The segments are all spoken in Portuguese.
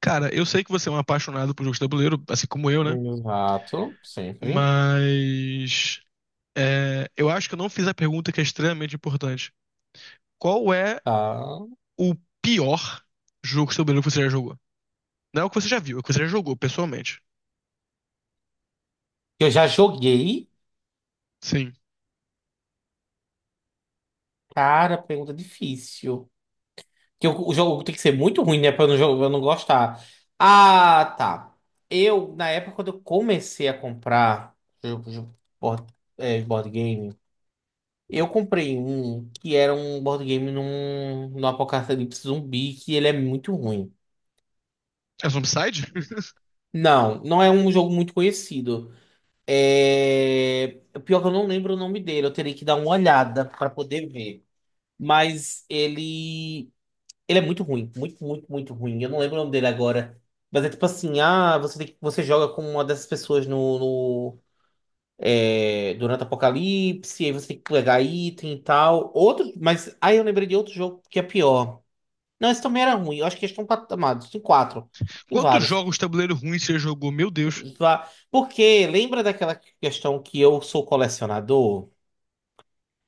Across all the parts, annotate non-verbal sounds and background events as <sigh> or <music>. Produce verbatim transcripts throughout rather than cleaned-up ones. Cara, eu sei que você é um apaixonado por jogos de tabuleiro, assim como eu, né? Exato, sempre. Mas é, eu acho que eu não fiz a pergunta que é extremamente importante. Qual é Tá. o pior jogo de tabuleiro que você já jogou? Não é o que você já viu, é o que você já jogou, pessoalmente. Eu já joguei. Sim. Cara, pergunta difícil. Que o, o jogo tem que ser muito ruim, né? Pra eu não, jo- eu não gostar. Ah, tá. Eu, na época, quando eu comecei a comprar jogo, jogo- board, é, board game, eu comprei um que era um board game num, num apocalipse zumbi, que ele é muito ruim. É Zombicide? <laughs> Não, não é um jogo muito conhecido. É... Pior que eu não lembro o nome dele, eu teria que dar uma olhada pra poder ver. Mas ele. Ele é muito ruim. Muito, muito, muito ruim. Eu não lembro o nome dele agora. Mas é tipo assim, ah, você tem que- você joga com uma dessas pessoas no, no- é, durante o apocalipse, aí você tem que pegar item e tal. Outro, mas aí eu lembrei de outro jogo que é pior. Não, esse também era ruim. Eu acho que eles estão patamados. Tem quatro. Tem Quantos vários. jogos de tabuleiro ruins você já jogou? Meu Deus. Vá- Porque lembra daquela questão que eu sou colecionador?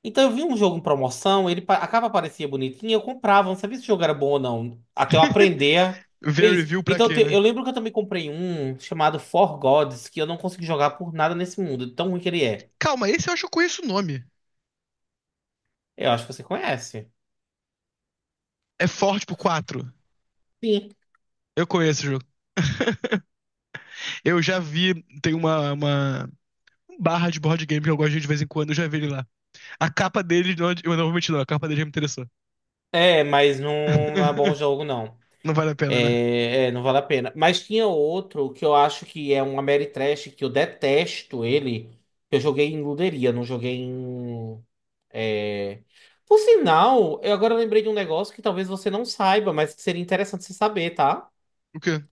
Então eu vi um jogo em promoção, ele, pa- a capa parecia bonitinha, eu comprava, não sabia se o jogo era bom ou não, até eu aprender a ver Ver isso. review pra Então quê, te- eu né? lembro que eu também comprei um chamado For Gods, que eu não consegui jogar por nada nesse mundo, de tão ruim que ele é. Calma, esse eu acho que eu conheço o nome. Eu acho que você conhece. É Forte por quatro. Sim. Eu conheço o jogo. <laughs> Eu já vi, tem uma, uma barra de board game que eu gosto de ir de vez em quando, eu já vi ele lá. A capa dele, não, eu não vou mentir, não. A capa dele já me interessou. É, mas não, não é bom <laughs> jogo, não. Não vale a pena, né? É, é, não vale a pena. Mas tinha outro que eu acho que é um Ameritrash, que eu detesto ele, que eu joguei em luderia, não joguei em. Por sinal, eu agora lembrei de um negócio que talvez você não saiba, mas que seria interessante você saber, tá? O quê?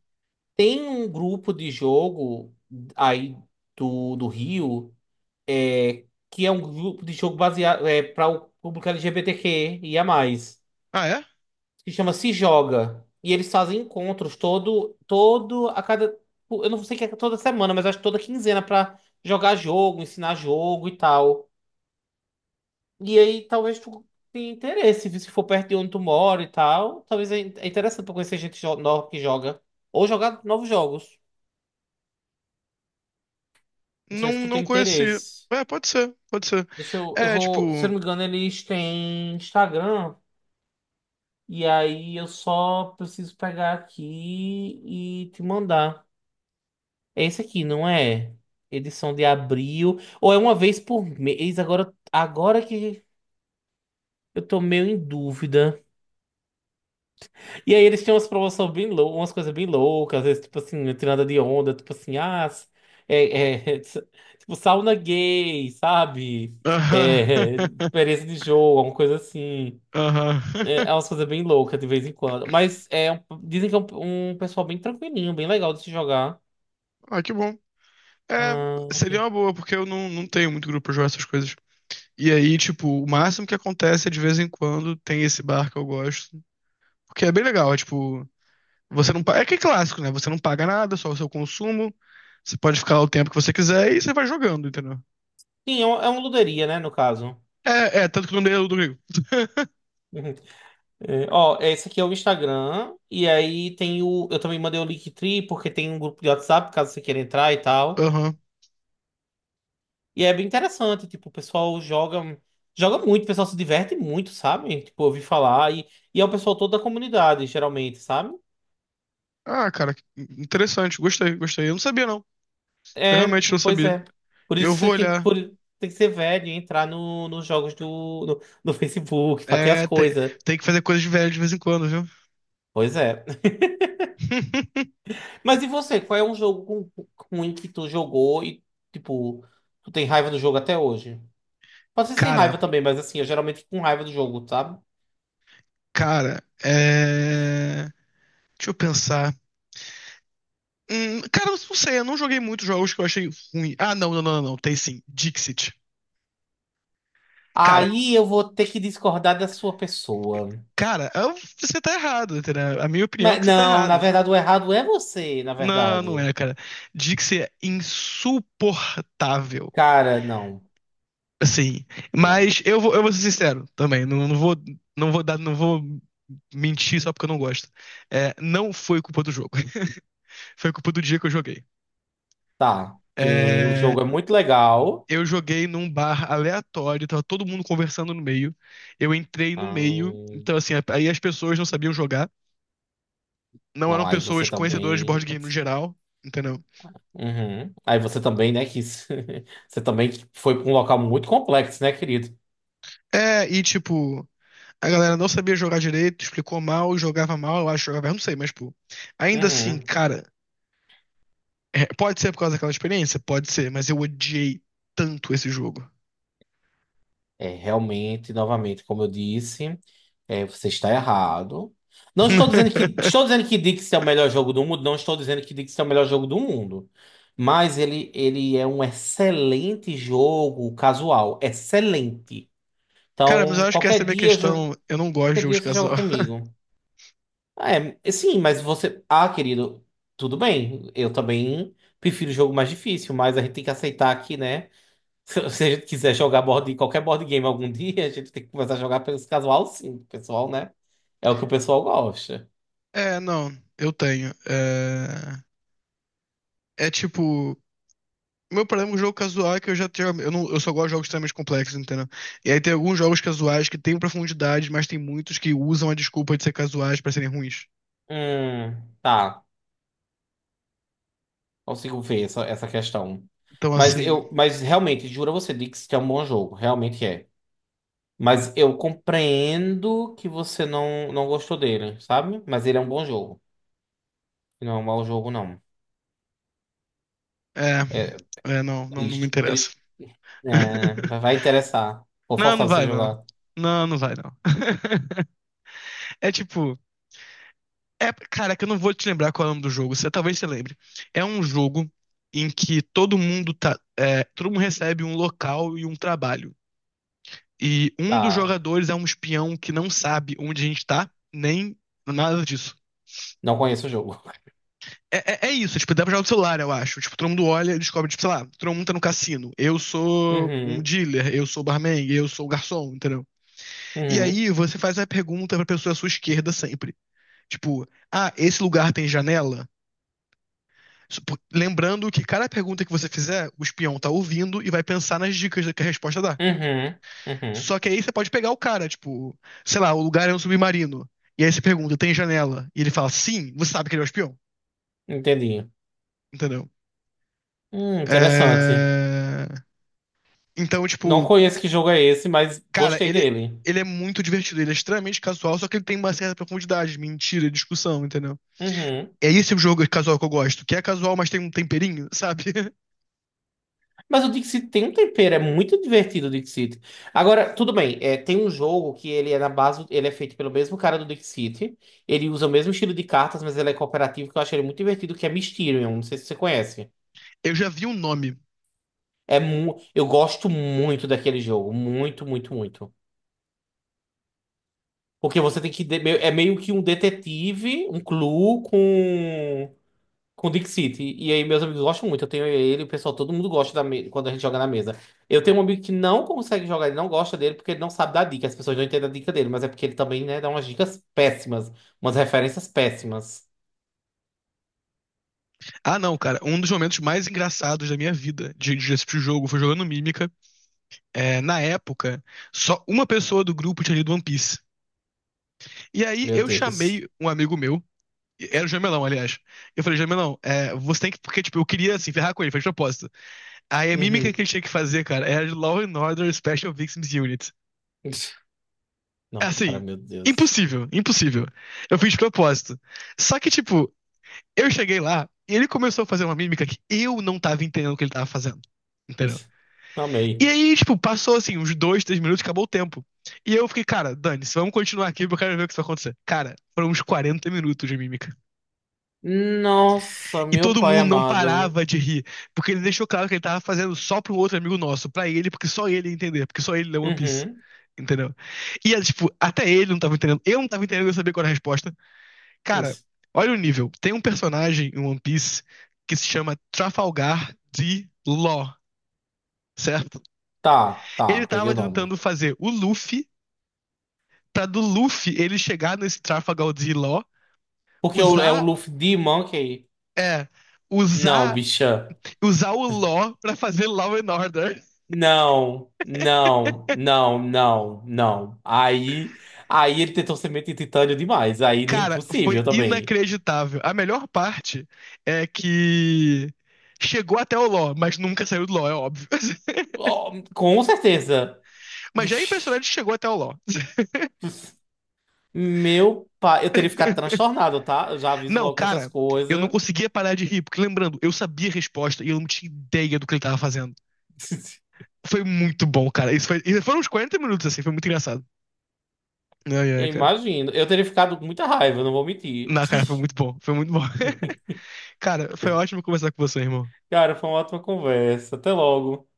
Tem um grupo de jogo aí do, do Rio, é, que é um grupo de jogo baseado é, para o público L G B T Q e a mais, Ah, é? que chama Se Joga. E eles fazem encontros todo, todo a cada. Eu não sei que é toda semana, mas acho que toda quinzena pra jogar jogo, ensinar jogo e tal. E aí talvez tu tenha interesse, viu? Se for perto de onde tu mora e tal. Talvez é é interessante pra conhecer gente jo- nova que joga. Ou jogar novos jogos. Não Não, sei se tu tem não conheci. interesse. É, pode ser, pode ser. Deixa eu. Eu É, tipo. vou. Se eu não me engano, eles têm Instagram. E aí eu só preciso pegar aqui e te mandar. É esse aqui, não é? Edição de abril. Ou é uma vez por mês? Agora, agora que eu tô meio em dúvida. E aí eles tinham umas promoções bem lou umas coisas bem loucas, às vezes, tipo assim, não de onda, tipo assim, ah, s- é, é, <laughs> tipo, sauna gay, sabe? Aham. É, <laughs> experiência de jogo, alguma coisa assim. <laughs> Aham. É, é <laughs> umas coisas bem loucas de vez em quando. Mas é, um- dizem que é um, um pessoal bem tranquilinho, bem legal de se jogar. Ah, que bom. É, Ah, seria aqui. uma boa, porque eu não, não tenho muito grupo pra jogar essas coisas. E aí, tipo, o máximo que acontece é de vez em quando tem esse bar que eu gosto. Porque é bem legal, é tipo, você não paga. É que é clássico, né? Você não paga nada, só o seu consumo. Você pode ficar lá o tempo que você quiser e você vai jogando, entendeu? Sim, é, um- é uma luderia, né, no caso. <laughs> É, é, tanto que o nome dele é Ludwig. Uhum. É, ó, esse aqui é o Instagram, e aí tem o. Eu também mandei o Linktree, porque tem um grupo de WhatsApp, caso você queira entrar e tal. Aham. E é bem interessante, tipo, o pessoal joga, joga muito, o pessoal se diverte muito, sabe? Tipo, eu ouvi falar, e, e é o pessoal todo da comunidade, geralmente, sabe? Ah, cara, que interessante. Gostei, gostei. Eu não sabia, não. Eu É, realmente não pois sabia. é. Por isso Eu que vou você tem que, olhar. por- tem que ser velho e entrar no, nos jogos do, no, no Facebook pra ter as É, te- coisas. Tem que fazer coisas de velho de vez em quando, viu? Pois é. <laughs> <laughs> Mas e você, qual é um jogo ruim que tu jogou e, tipo, tu tem raiva do jogo até hoje? Pode ser sem Cara, raiva também, mas assim, eu geralmente fico com raiva do jogo, sabe? cara, é... deixa eu pensar. Hum, cara, eu não sei, eu não joguei muitos jogos que eu achei ruim. Ah, não, não, não, não, não, tem sim. Dixit. Cara, Aí eu vou ter que discordar da sua pessoa. cara, eu- você tá errado, entendeu? É A minha opinião é Mas que você tá não, na errado. verdade, o errado é você, na Não, não verdade. é, cara. Dixit é insuportável. Cara, não. Sim, Não. mas eu vou, eu vou ser sincero também, não, não vou, não vou dar, não vou mentir só porque eu não gosto. É, não foi culpa do jogo, <laughs> foi culpa do dia que eu joguei. Tá. Porque o É, jogo é muito legal. eu joguei num bar aleatório, tava todo mundo conversando no meio, eu entrei no meio, Ahn, então assim, aí as pessoas não sabiam jogar, não eram não, aí você pessoas conhecedoras de board também. game no geral, entendeu? Uhum. Aí você também, né, quis. <laughs> Você também foi pra um local muito complexo, né, querido? É, e tipo, a galera não sabia jogar direito, explicou mal, jogava mal, eu acho que jogava, eu não sei, mas pô, ainda assim, Uhum. cara. É, pode ser por causa daquela experiência? Pode ser, mas eu odiei tanto esse jogo. É, realmente, novamente, como eu disse, é, você está errado. Não estou dizendo que estou <laughs> dizendo que Dixie é o melhor jogo do mundo, não estou dizendo que Dixie é o melhor jogo do mundo, mas ele, ele é um excelente jogo casual, excelente. Cara, mas eu Então, acho que essa é a qualquer minha dia, eu jo- questão. Eu não gosto de qualquer jogos dia você joga casual. <laughs> comigo. É, sim, mas você, ah, querido, tudo bem. Eu também prefiro o jogo mais difícil, mas a gente tem que aceitar aqui, né? <laughs> Se você quiser jogar board, qualquer board game algum dia, a gente tem que começar a jogar pelos casual, sim, o pessoal, né? É o que o pessoal gosta. É, não, eu tenho. É, é tipo. Meu problema com o jogo casual é que eu já tenho. Eu, não, eu só gosto de jogos extremamente complexos, entendeu? E aí tem alguns jogos casuais que têm profundidade, mas tem muitos que usam a desculpa de ser casuais pra serem ruins. Hum, tá. Consigo ver essa, essa questão. Então, Mas assim. eu, mas realmente, juro a você, Dix, que é um bom jogo, realmente é. Mas eu compreendo que você não, não gostou dele, sabe? Mas ele é um bom jogo. Não é um mau jogo, não. É. É É, não, não, não me triste. interessa. Triste. É, <laughs> vai interessar. Vou Não, forçar não você a vai, não. jogar. Não, não vai, não. <laughs> É tipo. É, cara, que eu não vou te lembrar qual é o nome do jogo. Você, talvez você lembre. É um jogo em que todo mundo tá. é, todo mundo recebe um local e um trabalho. E um dos Tá. jogadores é um espião que não sabe onde a gente tá, nem nada disso. Não conheço o jogo. <laughs> É, é, é isso, tipo, dá pra jogar no celular, eu acho. Tipo, todo mundo olha e descobre, tipo, sei lá, todo mundo tá no cassino. Eu sou um Uhum. dealer, eu sou barman, eu sou garçom, entendeu? E Uhum. aí você faz a pergunta pra pessoa à sua esquerda sempre. Tipo, ah, esse lugar tem janela? Supo- Lembrando que cada pergunta que você fizer, o espião tá ouvindo e vai pensar nas dicas que a resposta dá. Uhum, uhum. Só que aí você pode pegar o cara, tipo, sei lá, o lugar é um submarino. E aí você pergunta, tem janela? E ele fala, sim, você sabe que ele é o espião, Entendi. entendeu? Hum, interessante. É... Então, Não tipo, conheço que jogo é esse, mas cara, gostei ele, dele. ele é muito divertido, ele é extremamente casual, só que ele tem uma certa profundidade, mentira, discussão, entendeu? Uhum. É esse o jogo casual que eu gosto, que é casual, mas tem um temperinho, sabe? <laughs> Mas o Dixit tem um tempero, é muito divertido o Dixit. Agora, tudo bem, é, tem um jogo que ele é na base, ele é feito pelo mesmo cara do Dixit. Ele usa o mesmo estilo de cartas, mas ele é cooperativo, que eu acho ele muito divertido, que é Mysterium. Não sei se você conhece. Eu já vi um nome. É mu eu gosto muito daquele jogo, muito, muito, muito. Porque você tem que. De- É meio que um detetive, um clue com. Com o Dick City. E aí meus amigos gostam muito. Eu tenho ele, o pessoal, todo mundo gosta da me- quando a gente joga na mesa. Eu tenho um amigo que não consegue jogar, ele não gosta dele porque ele não sabe dar dica. As pessoas não entendem a dica dele, mas é porque ele também, né, dá umas dicas péssimas, umas referências péssimas. Ah, não, cara. Um dos momentos mais engraçados da minha vida de, de assistir o jogo foi jogando Mímica. É, na época, só uma pessoa do grupo tinha lido One Piece. E aí Meu eu Deus. chamei um amigo meu, era o Jamelão, aliás. Eu falei, Jamelão, é, você tem que. Porque, tipo, eu queria, assim, ferrar com ele, foi de propósito. Aí a mímica Uhum. que ele tinha que fazer, cara, era de Law and Order Special Victims Unit. <laughs> Não, cara, Assim, meu Deus. impossível, impossível. Eu fiz de propósito. Só que, tipo, eu cheguei lá e ele começou a fazer uma mímica que eu não tava entendendo o que ele tava fazendo. Entendeu? <laughs> E Amei. aí, tipo, passou assim, uns dois, três minutos, acabou o tempo. E eu fiquei, cara, dane-se, vamos continuar aqui porque eu quero ver o que isso vai acontecer. Cara, foram uns quarenta minutos de mímica. Nossa, E meu todo pai mundo não amado. parava de rir, porque ele deixou claro que ele tava fazendo só pra um outro amigo nosso, pra ele, porque só ele ia entender, porque só ele lê One Piece. Uhum. Entendeu? E, é, tipo, até ele não tava entendendo. Eu não tava entendendo, eu sabia qual era a resposta. Cara, olha o nível. Tem um personagem em One Piece que se chama Trafalgar D. Law, certo? Tá, tá, Ele peguei o tava tentando nome. fazer o Luffy pra do Luffy ele chegar nesse Trafalgar de Law, Porque o- é o usar. Luffy de Monkey. É. Não, Usar, bicha. usar o Law pra fazer Law and Order. Não, não, não, não, não. Aí, aí ele tentou semente de titânio demais. Aí é Cara, foi impossível também. inacreditável. A melhor parte é que chegou até o Law, mas nunca saiu do Law, é óbvio. <laughs> Ó, com certeza. Mas já é impressionante que chegou até o Law. <laughs> Meu pai, eu teria ficado transtornado, tá? Eu já aviso Não, logo que essas cara, eu não coisas. conseguia parar de rir, porque lembrando, eu sabia a resposta e eu não tinha ideia do que ele tava fazendo. <laughs> Foi muito bom, cara. Isso foi, isso foram uns quarenta minutos assim, foi muito engraçado. Ai, Eu ai, cara. imagino. Eu teria ficado com muita raiva, não vou mentir. Não, cara, foi <laughs> muito bom. Foi muito bom. <laughs> Cara, foi ótimo conversar com você, irmão. Cara, foi uma ótima conversa. Até logo.